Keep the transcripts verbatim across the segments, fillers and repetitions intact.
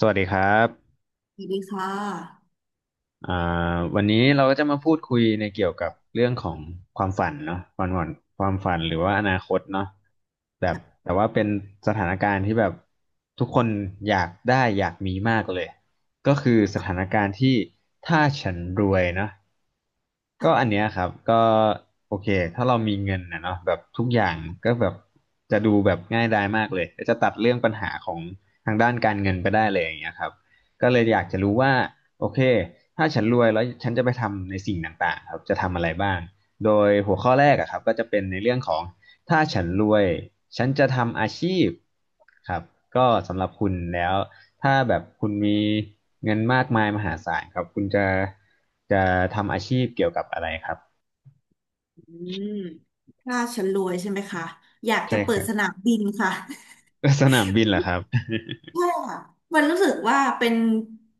สวัสดีครับสวัสดีค่ะอ่าวันนี้เราก็จะมาพูดคุยในเกี่ยวกับเรื่องของความฝันเนาะความฝันความฝันหรือว่าอนาคตเนาะแบบแต่ว่าเป็นสถานการณ์ที่แบบทุกคนอยากได้อยากมีมากเลยก็คือสถานการณ์ที่ถ้าฉันรวยเนาะก็อันเนี้ยครับก็โอเคถ้าเรามีเงินนะเนาะแบบทุกอย่างก็แบบจะดูแบบง่ายดายมากเลยก็จะตัดเรื่องปัญหาของทางด้านการเงินไปได้เลยอย่างเงี้ยครับก็เลยอยากจะรู้ว่า โอเคถ้าฉันรวยแล้วฉันจะไปทำในสิ่งต่างๆครับ จะทำอะไรบ้าง โดยหัวข้อแรกอะครับก็จะเป็นในเรื่องของถ้าฉันรวยฉันจะทำอาชีพครับก็สำหรับคุณแล้วถ้าแบบคุณมีเงินมากมายมหาศาลครับคุณจะจะทำอาชีพเกี่ยวกับอะไรครับอืมถ้าฉันรวยใช่ไหมคะ อยากใช่จะเปิคดรับ สนามบินค่ะ สนามบินเหรอครับใช่ค่ะมันรู้สึกว่าเป็น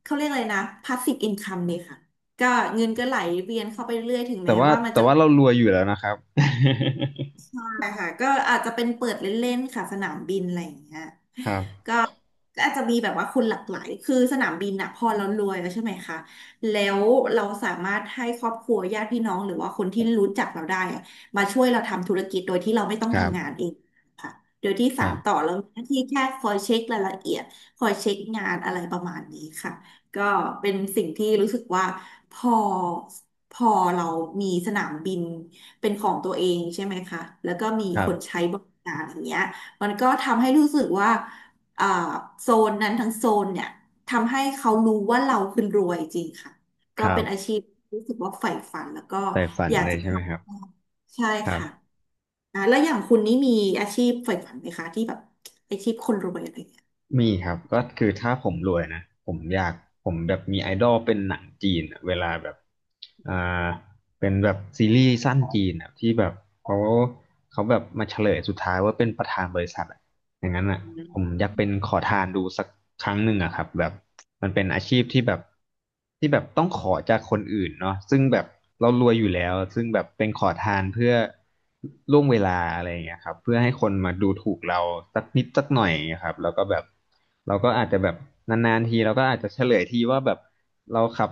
เขาเรียกอะไรนะ แพสซีฟ อินคัม เลยค่ะ ก็เงินก็ไหลเวียนเข้าไปเรื่อยถึงแต่แม้ว่าว่ามันแต่จะว่าเรารวยอยู่แล้วนะครับ ใช่ค่ะ ก็อาจจะเป็นเปิดเล่นๆค่ะสนามบินอะไรอย่างเงี้ย ครับก็ก็อาจจะมีแบบว่าคนหลากหลาย คือสนามบินอะพอเรารวยแล้วใช่ไหมคะ แล้วเราสามารถให้ครอบครัวญาติพี่น้องหรือว่าคนที่รู้จักเราได้อะมาช่วยเราทำธุรกิจโดยที่เราไม่ต้องครัทำงานบเองค่ะโดยที่คสารันต่อบเรามีหน้าที่แค่คอยเช็ครายละเอียด คอยเช็คงานอะไรประมาณนี้ค่ะ ก็เป็นสิ่งที่รู้สึกว่าพอพอเรามีสนามบินเป็นของตัวเองใช่ไหมคะแล้วก็มีครัคบนใช้บริการอย่างเงี้ยมันก็ทำให้รู้สึกว่า เอ่อโซนนั้นทั้งโซนเนี่ยทำให้เขารู้ว่าเราคือรวยจริงค่ะคก็รัเป็นอาบชีพที่รู้สึกว่าใฝ่ฝันแล้วก็แต่ฝันอยากเลยจะทใช่ไหมครับำใช่ครัค่ะบ อ่าแล้วอย่างคุณนี่มีอาชีพใฝ่ฝันไหมคะที่แบบอาชีพคนรวยอะไรอย่างเงี้ยมีครับก็คือถ้าผมรวยนะผมอยากผมแบบมีไอดอลเป็นหนังจีนอะเวลาแบบอ่าเป็นแบบซีรีส์สั้นจีนอะที่แบบเขาเขาแบบมาเฉลยสุดท้ายว่าเป็นประธานบริษัท อย่างนั้นอ่ะผมอยากเป็นขอทานดูสักครั้งหนึ่งอะครับแบบมันเป็นอาชีพที่แบบที่แบบต้องขอจากคนอื่นเนาะซึ่งแบบเรารวยอยู่แล้วซึ่งแบบเป็นขอทานเพื่อล่วงเวลาอะไรอย่างเงี้ยครับเพื่อให้คนมาดูถูกเราสักนิดสักหน่อยอย่างเงี้ยครับแล้วก็แบบเราก็อาจจะแบบนานๆทีเราก็อาจจะเฉลยทีว่าแบบเราขับ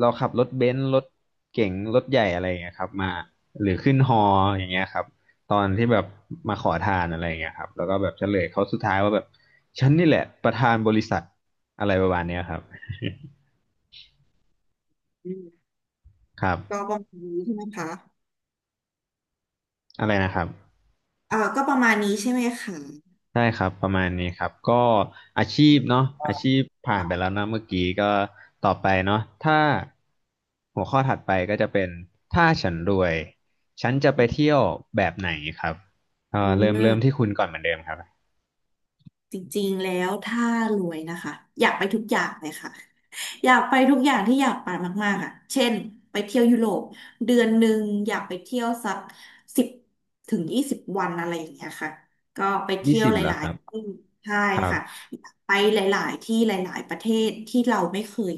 เราขับรถเบนซ์รถเก๋งรถใหญ่อะไรอย่างเงี้ยครับมาหรือขึ้นฮออย่างเงี้ยครับ ตอนที่แบบมาขอทานอะไรอย่างเงี้ยครับแล้วก็แบบเฉลยเขาสุดท้ายว่าแบบฉันนี่แหละประธานบริษัทอะไรประมาณเนี้ยครับ อืม ครับก็ประมาณนี้ใช่ไหมคะอะไรนะครับเอ่าก็ประมาณนี้ใช่ไหมคะใช่ครับ ประมาณนี้ครับ ก็อาชีพเนาะอาชีพผ่านไปแล้วนะเมื่อกี้ก็ต่อไปเนาะถ้าหัวข้อถัดไปก็จะเป็นถ้าฉันรวยฉันจะไปเที่ยวแบบไหนครับเอ่ออืเริ่มเริ่มที่ม คุณก่อนเหมือนเดิมครับจริงๆ แล้วถ้ารวยนะคะอยากไปทุกอย่างเลยค่ะอยากไปทุกอย่างที่อยากไปมากๆอ่ะเช่นไปเที่ยวยุโรปเดือนหนึ่งอยากไปเที่ยวสักสิบถึงยี่สิบวันอะไรอย่างเงี้ยค่ะก็ไปยี่เที่ยวสิบหเหรอลาคยรับ ๆที่ใช่ครัค่ะบอยากไปหลายๆที่หลายๆประเทศที่เราไม่เคย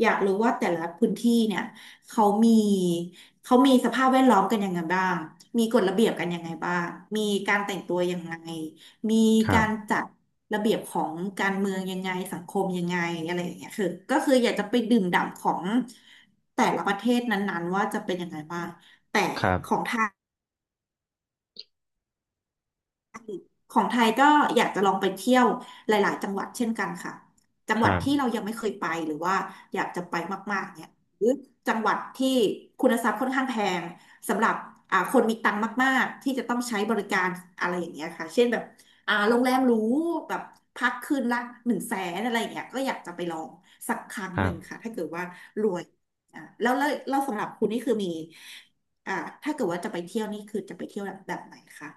อยากรู้ว่าแต่ละพื้นที่เนี่ยเขามีเขามีสภาพแวดล้อมกันยังไงบ้างมีกฎระเบียบกันยังไงบ้างมีการแต่งตัวยังไงมีครักาบรจัดระเบียบของการเมืองยังไงสังคมยังไงอะไรอย่างเงี้ยคือก็คืออยากจะไปดื่มด่ำของแต่ละประเทศนั้นๆว่าจะเป็นยังไงบ้างแต่ครัของไทบย ของไทยก็อยากจะลองไปเที่ยวหลายๆจังหวัดเช่นกันค่ะจังคหวัดรับที่เรายังไม่เคยไปหรือว่าอยากจะไปมากๆเนี่ยหรือจังหวัดที่คุณทรัพย์ค่อนข้างแพงสำหรับอ่าคนมีตังค์มากๆที่จะต้องใช้บริการอะไรอย่างเงี้ยค่ะเช่นแบบอ่าโรงแรมหรูแบบพักคืนละหนึ่งแสนอะไรอย่างเงี้ยก็อยากจะไปลองสักครั้งคหรันึ่บ งค่ะถ้าเกิดว่ารวยอ่าแล้วแล้วแล้วสำหรับคุณนี่คือมีอ่าถ้าเกิดว่าจะไปเที่ยวนี่คือจะไปเที่ยวแบบแบบไหนคะ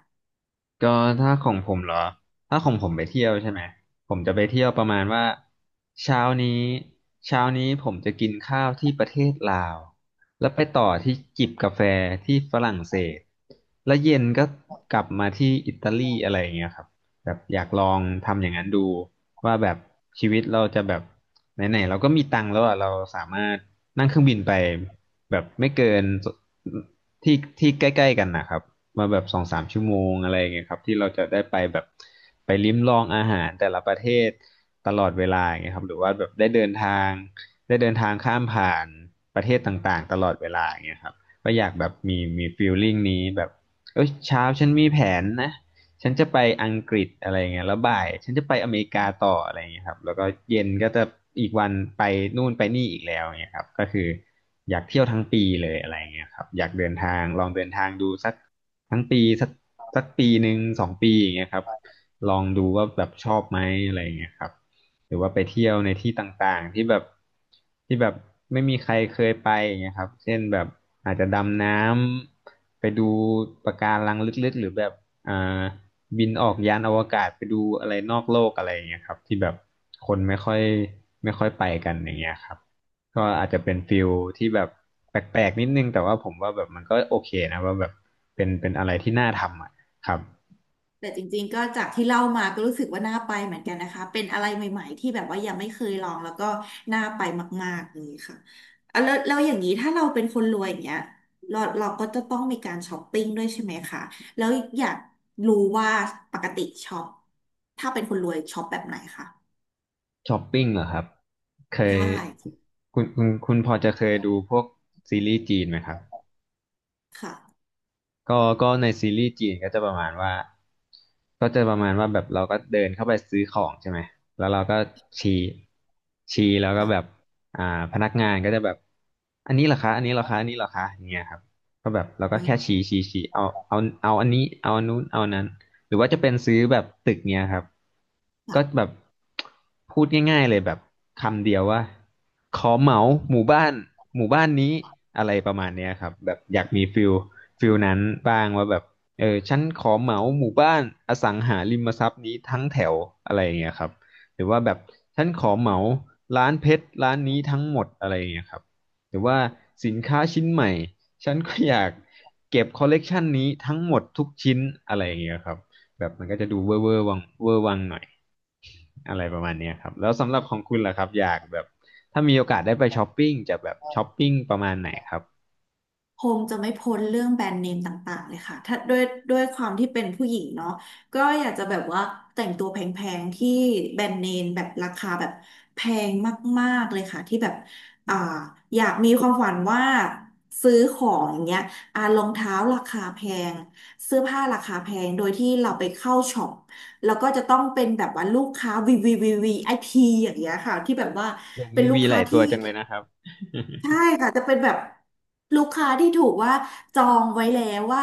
ก็ถ้าของผมเหรอถ้าของผมไปเที่ยวใช่ไหมผมจะไปเที่ยวประมาณว่าเช้านี้เช้านี้ผมจะกินข้าวที่ประเทศลาวแล้วไปต่อที่จิบกาแฟที่ฝรั่งเศสแล้วเย็นก็กลับมาที่อิตาลีอะไรอย่างเงี้ยครับแบบอยากลองทำอย่างนั้นดูว่าแบบชีวิตเราจะแบบไหนๆเราก็มีตังค์แล้วอ่ะเราสามารถนั่งเครื่องบินไปแบบไม่เกินที่ที่ใกล้ๆกันนะครับ มาแบบสองสามชั่วโมงอะไรอย่างเงี้ยครับที่เราจะได้ไปแบบไปลิ้มลองอาหารแต่ละประเทศตลอดเวลาอย่างเงี้ยครับหรือว่าแบบได้เดินทางได้เดินทางข้ามผ่านประเทศต่างๆตลอดเวลาอย่างเงี้ยครับก็อยากแบบมีมีฟีลลิ่งนี้แบบเอ้ยเช้าฉันมีแผนนะฉันจะไปอังกฤษอะไรเงี้ยแล้วบ่ายฉันจะไปอเมริกาต่ออะไรเงี้ยครับแล้วก็เย็นก็จะอีกวันไปนู่นไปนี่อีกแล้วเงี้ยครับก็คืออยากเที่ยวทั้งปีเลยอะไรเงี้ยครับอยากเดินทางลองเดินทางดูสัก ทั้งปีสักสักปีหนึ่งสองปีอย่างเงี้ยครับลองดูว่าแบบชอบไหมอะไรอย่างเงี้ยครับหรือว่าไปเที่ยวในที่ต่างๆที่แบบที่แบบไม่มีใครเคยไปอย่างเงี้ยครับเช่นแบบอาจจะดำน้ำไปดูปะการังลึกๆหรือแบบอ่าบินออกยานอวกาศไปดูอะไรนอกโลกอะไรอย่างเงี้ยครับที่แบบคนไม่ค่อยไม่ค่อยไปกันอย่างเงี้ยครับ ก็อาจจะเป็นฟิลที่แบบแปลกๆนิดนึงแต่ว่าผมว่าแบบมันก็โอเคนะว่าแบบเป็นเป็นอะไรที่น่าทำอ่ะครับแต่จริงๆก็จากที่เล่ามาก็รู้สึกว่าน่าไปเหมือนกันนะคะเป็นอะไรใหม่ๆที่แบบว่ายังไม่เคยลองแล้วก็น่าไปมากๆเลยค่ะอ่ะแล้วแล้วอย่างนี้ถ้าเราเป็นคนรวยอย่างเงี้ยเราเราก็จะต้องมีการช้อปปิ้งด้วยใช่ไหมคะแล้วอยากรู้ว่าปกติช็อปถ้าเป็นคนรวยช็อปแบบไหนคะช้อปปิ้งเหรอครับเคยใช่คุณคุณคุณพอจะเคยดูพวกซีรีส์จีนไหมครับ ค่ะก็ก็ในซีรีส์จีนก็จะประมาณว่าก็จะประมาณว่าแบบเราก็เดินเข้าไปซื้อของใช่ไหมแล้วเราก็ชี้ชี้แล้วก็แบบค่ะอ่าพนักงานก็จะแบบอันนี้เหรอคะอันนี้เหรอคะอันนี้เหรอคะอย่างเงี้ยครับก็แบบเราก็อืแค่ชี้มชี้ชี้เอาเอาเอาอันนี้เอาอันนู้นเอาอันนั้นหรือว่าจะเป็นซื้อแบบตึกเนี้ยครับก็ค่ะ แบบพูดง่ายๆเลยแบบคำเดียวว่าขอเหมาหมู่บ้านหมู่บ้านนี้อะไรประมาณเนี้ยครับแบบอยากมีฟิล ฟิลนั้นบ้างว่าแบบเออฉันขอเหมาหมู่บ้านอสังหาริมทรัพย์นี้ทั้งแถวอะไรอย่างเงี้ยครับหรือว่าแบบฉันขอเหมาร้านเพชรร้านนี้ทั้งหมดอะไรอย่างเงี้ยครับหรือว่าสินค้าชิ้นใหม่ฉันก็อยากเก็บคอลเลกชันนี้ทั้งหมดทุกชิ้นอะไรอย่างเงี้ยครับแบบมันก็จะดูเวอร์เวอร์วังเวอร์วังหน่อยอะไรประมาณเนี้ยครับแล้วสำหรับของคุณล่ะครับอยากแบบถ้ามีโอกาสได้ไปช้อปปิ้งจะแบบช้อปปิ้งประมาณไหนครับคงจะไม่พ้นเรื่องแบรนด์เนมต่างๆเลยค่ะถ้าด้วยด้วยความที่เป็นผู้หญิงเนาะก็อยากจะแบบว่าแต่งตัวแพงๆที่แบรนด์เนมแบบราคาแบบแพงมากๆ เลยค่ะที่แบบอ่าอยากมีความฝันว่าซื้อของอย่างเงี้ยอ่ารองเท้าราคาแพงเสื้อผ้าราคาแพงโดยที่เราไปเข้าช็อปแล้วก็จะต้องเป็นแบบว่าลูกค้า v ีวีวีวีไอพีอย่างเงี้ยค่ะที่แบบว่าโอ้เป็มีนลูกวีหค้าลายตัวที่ จังเลยนะครับ ใช่ค่ะจะเป็นแบบลูกค้าที่ถูกว่าจองไว้แล้วว่า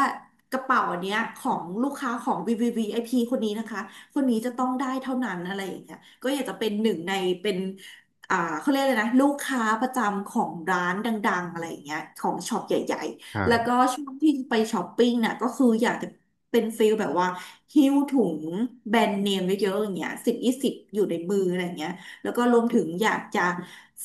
กระเป๋าเนี้ยของลูกค้าของวีวีวีไอพีคนนี้นะคะคนนี้จะต้องได้เท่านั้นอะไรอย่างเงี้ยก็อยากจะเป็นหนึ่งในเป็นอ่าเขาเรียกเลยนะลูกค้าประจำของร้านดังๆอะไรอย่างเงี้ยของช็อปใหญ่ครัๆแล้วก็บช่วงที่ไปช้อปปิ้งน่ะก็คืออยากจะเป็นฟิลแบบว่าหิ้วถุงแบรนด์เนมเยอะๆอย่างเงี้ยสิบยี่สิบอยู่ในมืออะไรอย่างเงี้ย แล้วก็รวมถึงอยากจะ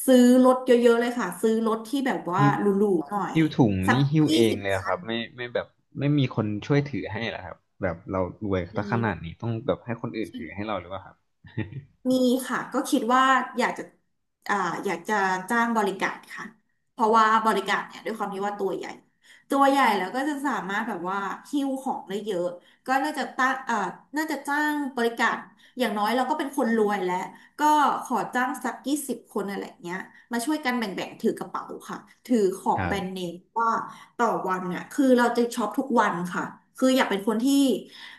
ซื้อรถเยอะๆเลยค่ะ ซื้อรถที่แบบว่าหิ้วหรูๆหน่อยหิ้วถุงสักนี่หิ้วยี่เองสิบเลยเหรอครับไม่ไม่แบบไม่มีคนช่วยถือให้เหรอครับแบบเรารวยปี ซะขนาดนี้ต้องแบบให้คนอื่นถือให้เราหรือเปล่าครับ มีค่ะก็คิดว่าอยากจะอ่าอยากจะจ้างบริการค่ะเพราะว่าบริการเนี่ยด้วยความที่ว่าตัวใหญ่ตัวใหญ่แล้วก็จะสามารถแบบว่าหิ้วของได้เยอะก็น่าจะตั้งอ่าน่าจะจ้างบริการอย่างน้อยเราก็เป็นคนรวยแล้วก็ขอจ้างสักยี่สิบคนอะไรเงี้ยมาช่วยกันแบ่งๆถือกระเป๋าค่ะถือขอคงรัแบรนด์เนบมว่าต่อวันน่ะคือเราจะช็อปทุกวันค่ะคืออยากเป็นคนที่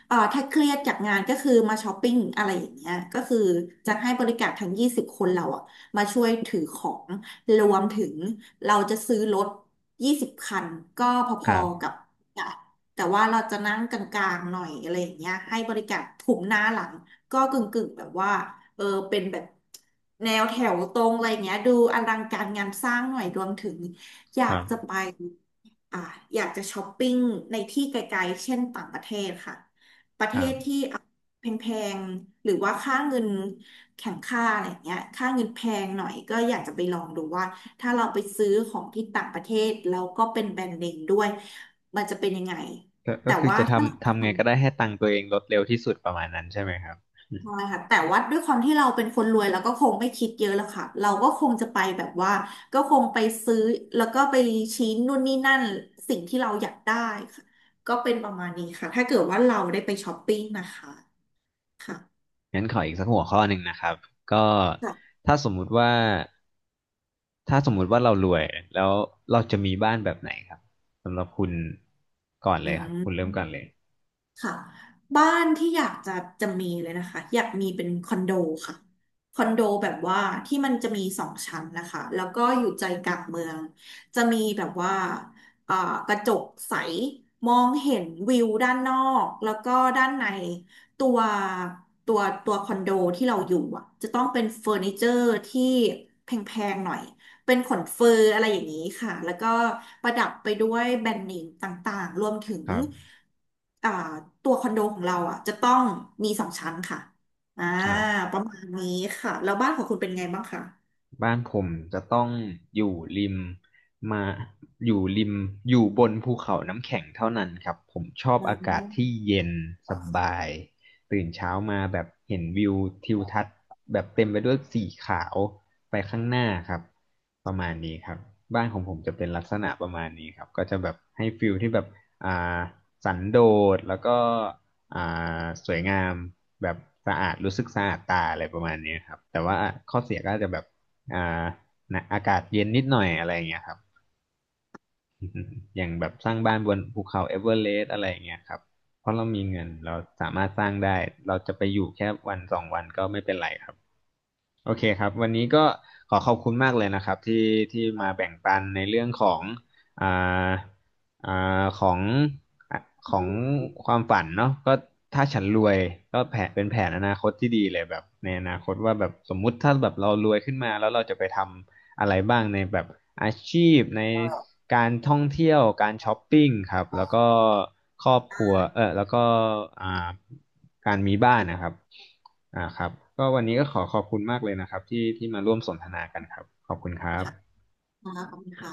เอ่อถ้าเครียดจากงานก็คือมาช้อปปิ้งอะไรอย่างเงี้ยก็คือจะให้บริการทั้งยี่สิบคนเราอะมาช่วยถือของรวมถึงเราจะซื้อรถยี่สิบคันก็พคอรัๆกับบอ่ะแต่ว่าเราจะนั่งกลางๆหน่อยอะไรอย่างเงี้ยให้บริการถุมหน้าหลังก็กึ่งๆแบบว่าเออเป็นแบบแนวแถวตรงอะไรอย่างเงี้ยดูอลังการงานสร้างหน่อยรวมถึงอยาคกรัจะบไปอ่าอยากจะช้อปปิ้งในที่ไกลๆเช่นต่างประเทศค่ะ ประเทครัศที่บแพงๆหรือว่าค่าเงินแข่งค่าอะไรเงี้ยค่าเงินแพงหน่อยก็อยากจะไปลองดูว่าถ้าเราไปซื้อของที่ต่างประเทศแล้วก็เป็นแบรนด์เนมด้วยมันจะเป็นยังไงก็ก็แต่คือว่าจะถ้าเรทำาทำไงก็ได้ให้ตังค์ตัวเองลดเร็วที่สุดประมาณนั้นใช่ไหมครับ พอค่ะแต่ว่าด้วยความที่เราเป็นคนรวยเราก็คงไม่คิดเยอะแล้วค่ะเราก็คงจะไปแบบว่าก็คงไปซื้อแล้วก็ไปชี้นู่นนี่นั่นสิ่งที่เราอยากได้ค่ะก็เป็นประมาณนี้ค่ะถ้าเกิดว่าเราได้ไปช้อปปิ้งนะคะค่ะ งั้นขออีกสักหัวข้อหนึ่งนะครับก็ค่ะถ้าสมมุติว่าถ้าสมมุติว่าเรารวยแล้วเราจะมีบ้านแบบไหนครับสำหรับคุณก่อนอืเลยครับคุณเริ่ม มก่อนเลยค่ะบ้านที่อยากจะจะมีเลยนะคะอยากมีเป็นคอนโดค่ะคอนโดแบบว่าที่มันจะมีสองชั้นนะคะแล้วก็อยู่ใจกลางเมืองจะมีแบบว่าอ่ากระจกใสมองเห็นวิวด้านนอกแล้วก็ด้านในตัวตัวตัวคอนโดที่เราอยู่อ่ะจะต้องเป็นเฟอร์นิเจอร์ที่แพงๆหน่อย เป็นขนเฟอร์อะไรอย่างนี้ค่ะ แล้วก็ประดับไปด้วยแบรนด์เนมต่างๆ รวมถึงครับอ่าตัวคอนโดของเราอ่ะจะต้องมีสองชั้นค่ะอ่าครับ ประมาณนี้ค่ะ แล้วบ้านของคุณเป็นไงบ้างคะบ้านผมจะต้องอยู่ริมมาอยู่ริมอยู่บนภูเขาน้ำแข็งเท่านั้นครับผมชอบอ่อากาศที่าเย็นสบายตื่นเช้ามาแบบเห็นวิวทิวทัศน์แบบเต็มไปด้วยสีขาวไปข้างหน้าครับประมาณนี้ครับบ้านของผมจะเป็นลักษณะประมาณนี้ครับก็จะแบบให้ฟิลที่แบบอ่าสันโดษแล้วก็อ่าสวยงามแบบสะอาดรู้สึกสะอาดตาอะไรประมาณนี้ครับแต่ว่าข้อเสียก็อาจจะแบบ อ่านะอากาศเย็นนิดหน่อยอะไรอย่างเงี้ยครับ อย่างแบบสร้างบ้านบนภูเขาเอเวอเรสต์อะไรอย่างเงี้ยครับเพราะเรามีเงินเราสามารถสร้างได้ เราจะไปอยู่แค่วันสองวันก็ไม่เป็นไรครับโอเคครับวันนี้ก็ขอขอบคุณมากเลยนะครับที่ที่มาแบ่งปันในเรื่องของอ่าอ่าของอ่ะของความฝันเนาะก็ถ้าฉันรวยก็แผนเป็นแผนอนาคตที่ดีเลยแบบในอนาคตว่าแบบสมมุติถ้าแบบเรารวยขึ้นมาแล้วเราจะไปทำ อะไรบ้างในแบบอาชีพในการท่องเที่ยวการช้อปปิ้งครับแล้วก็ครอบอ่ครัวเอาอแล้วก็อ่าการมีบ้านนะครับอ่าครับก็วันนี้ก็ขอขอบคุณมากเลยนะครับที่ที่มาร่วมสนทนากันครับขอบคุณครับค่ะขอบคุณค่ะ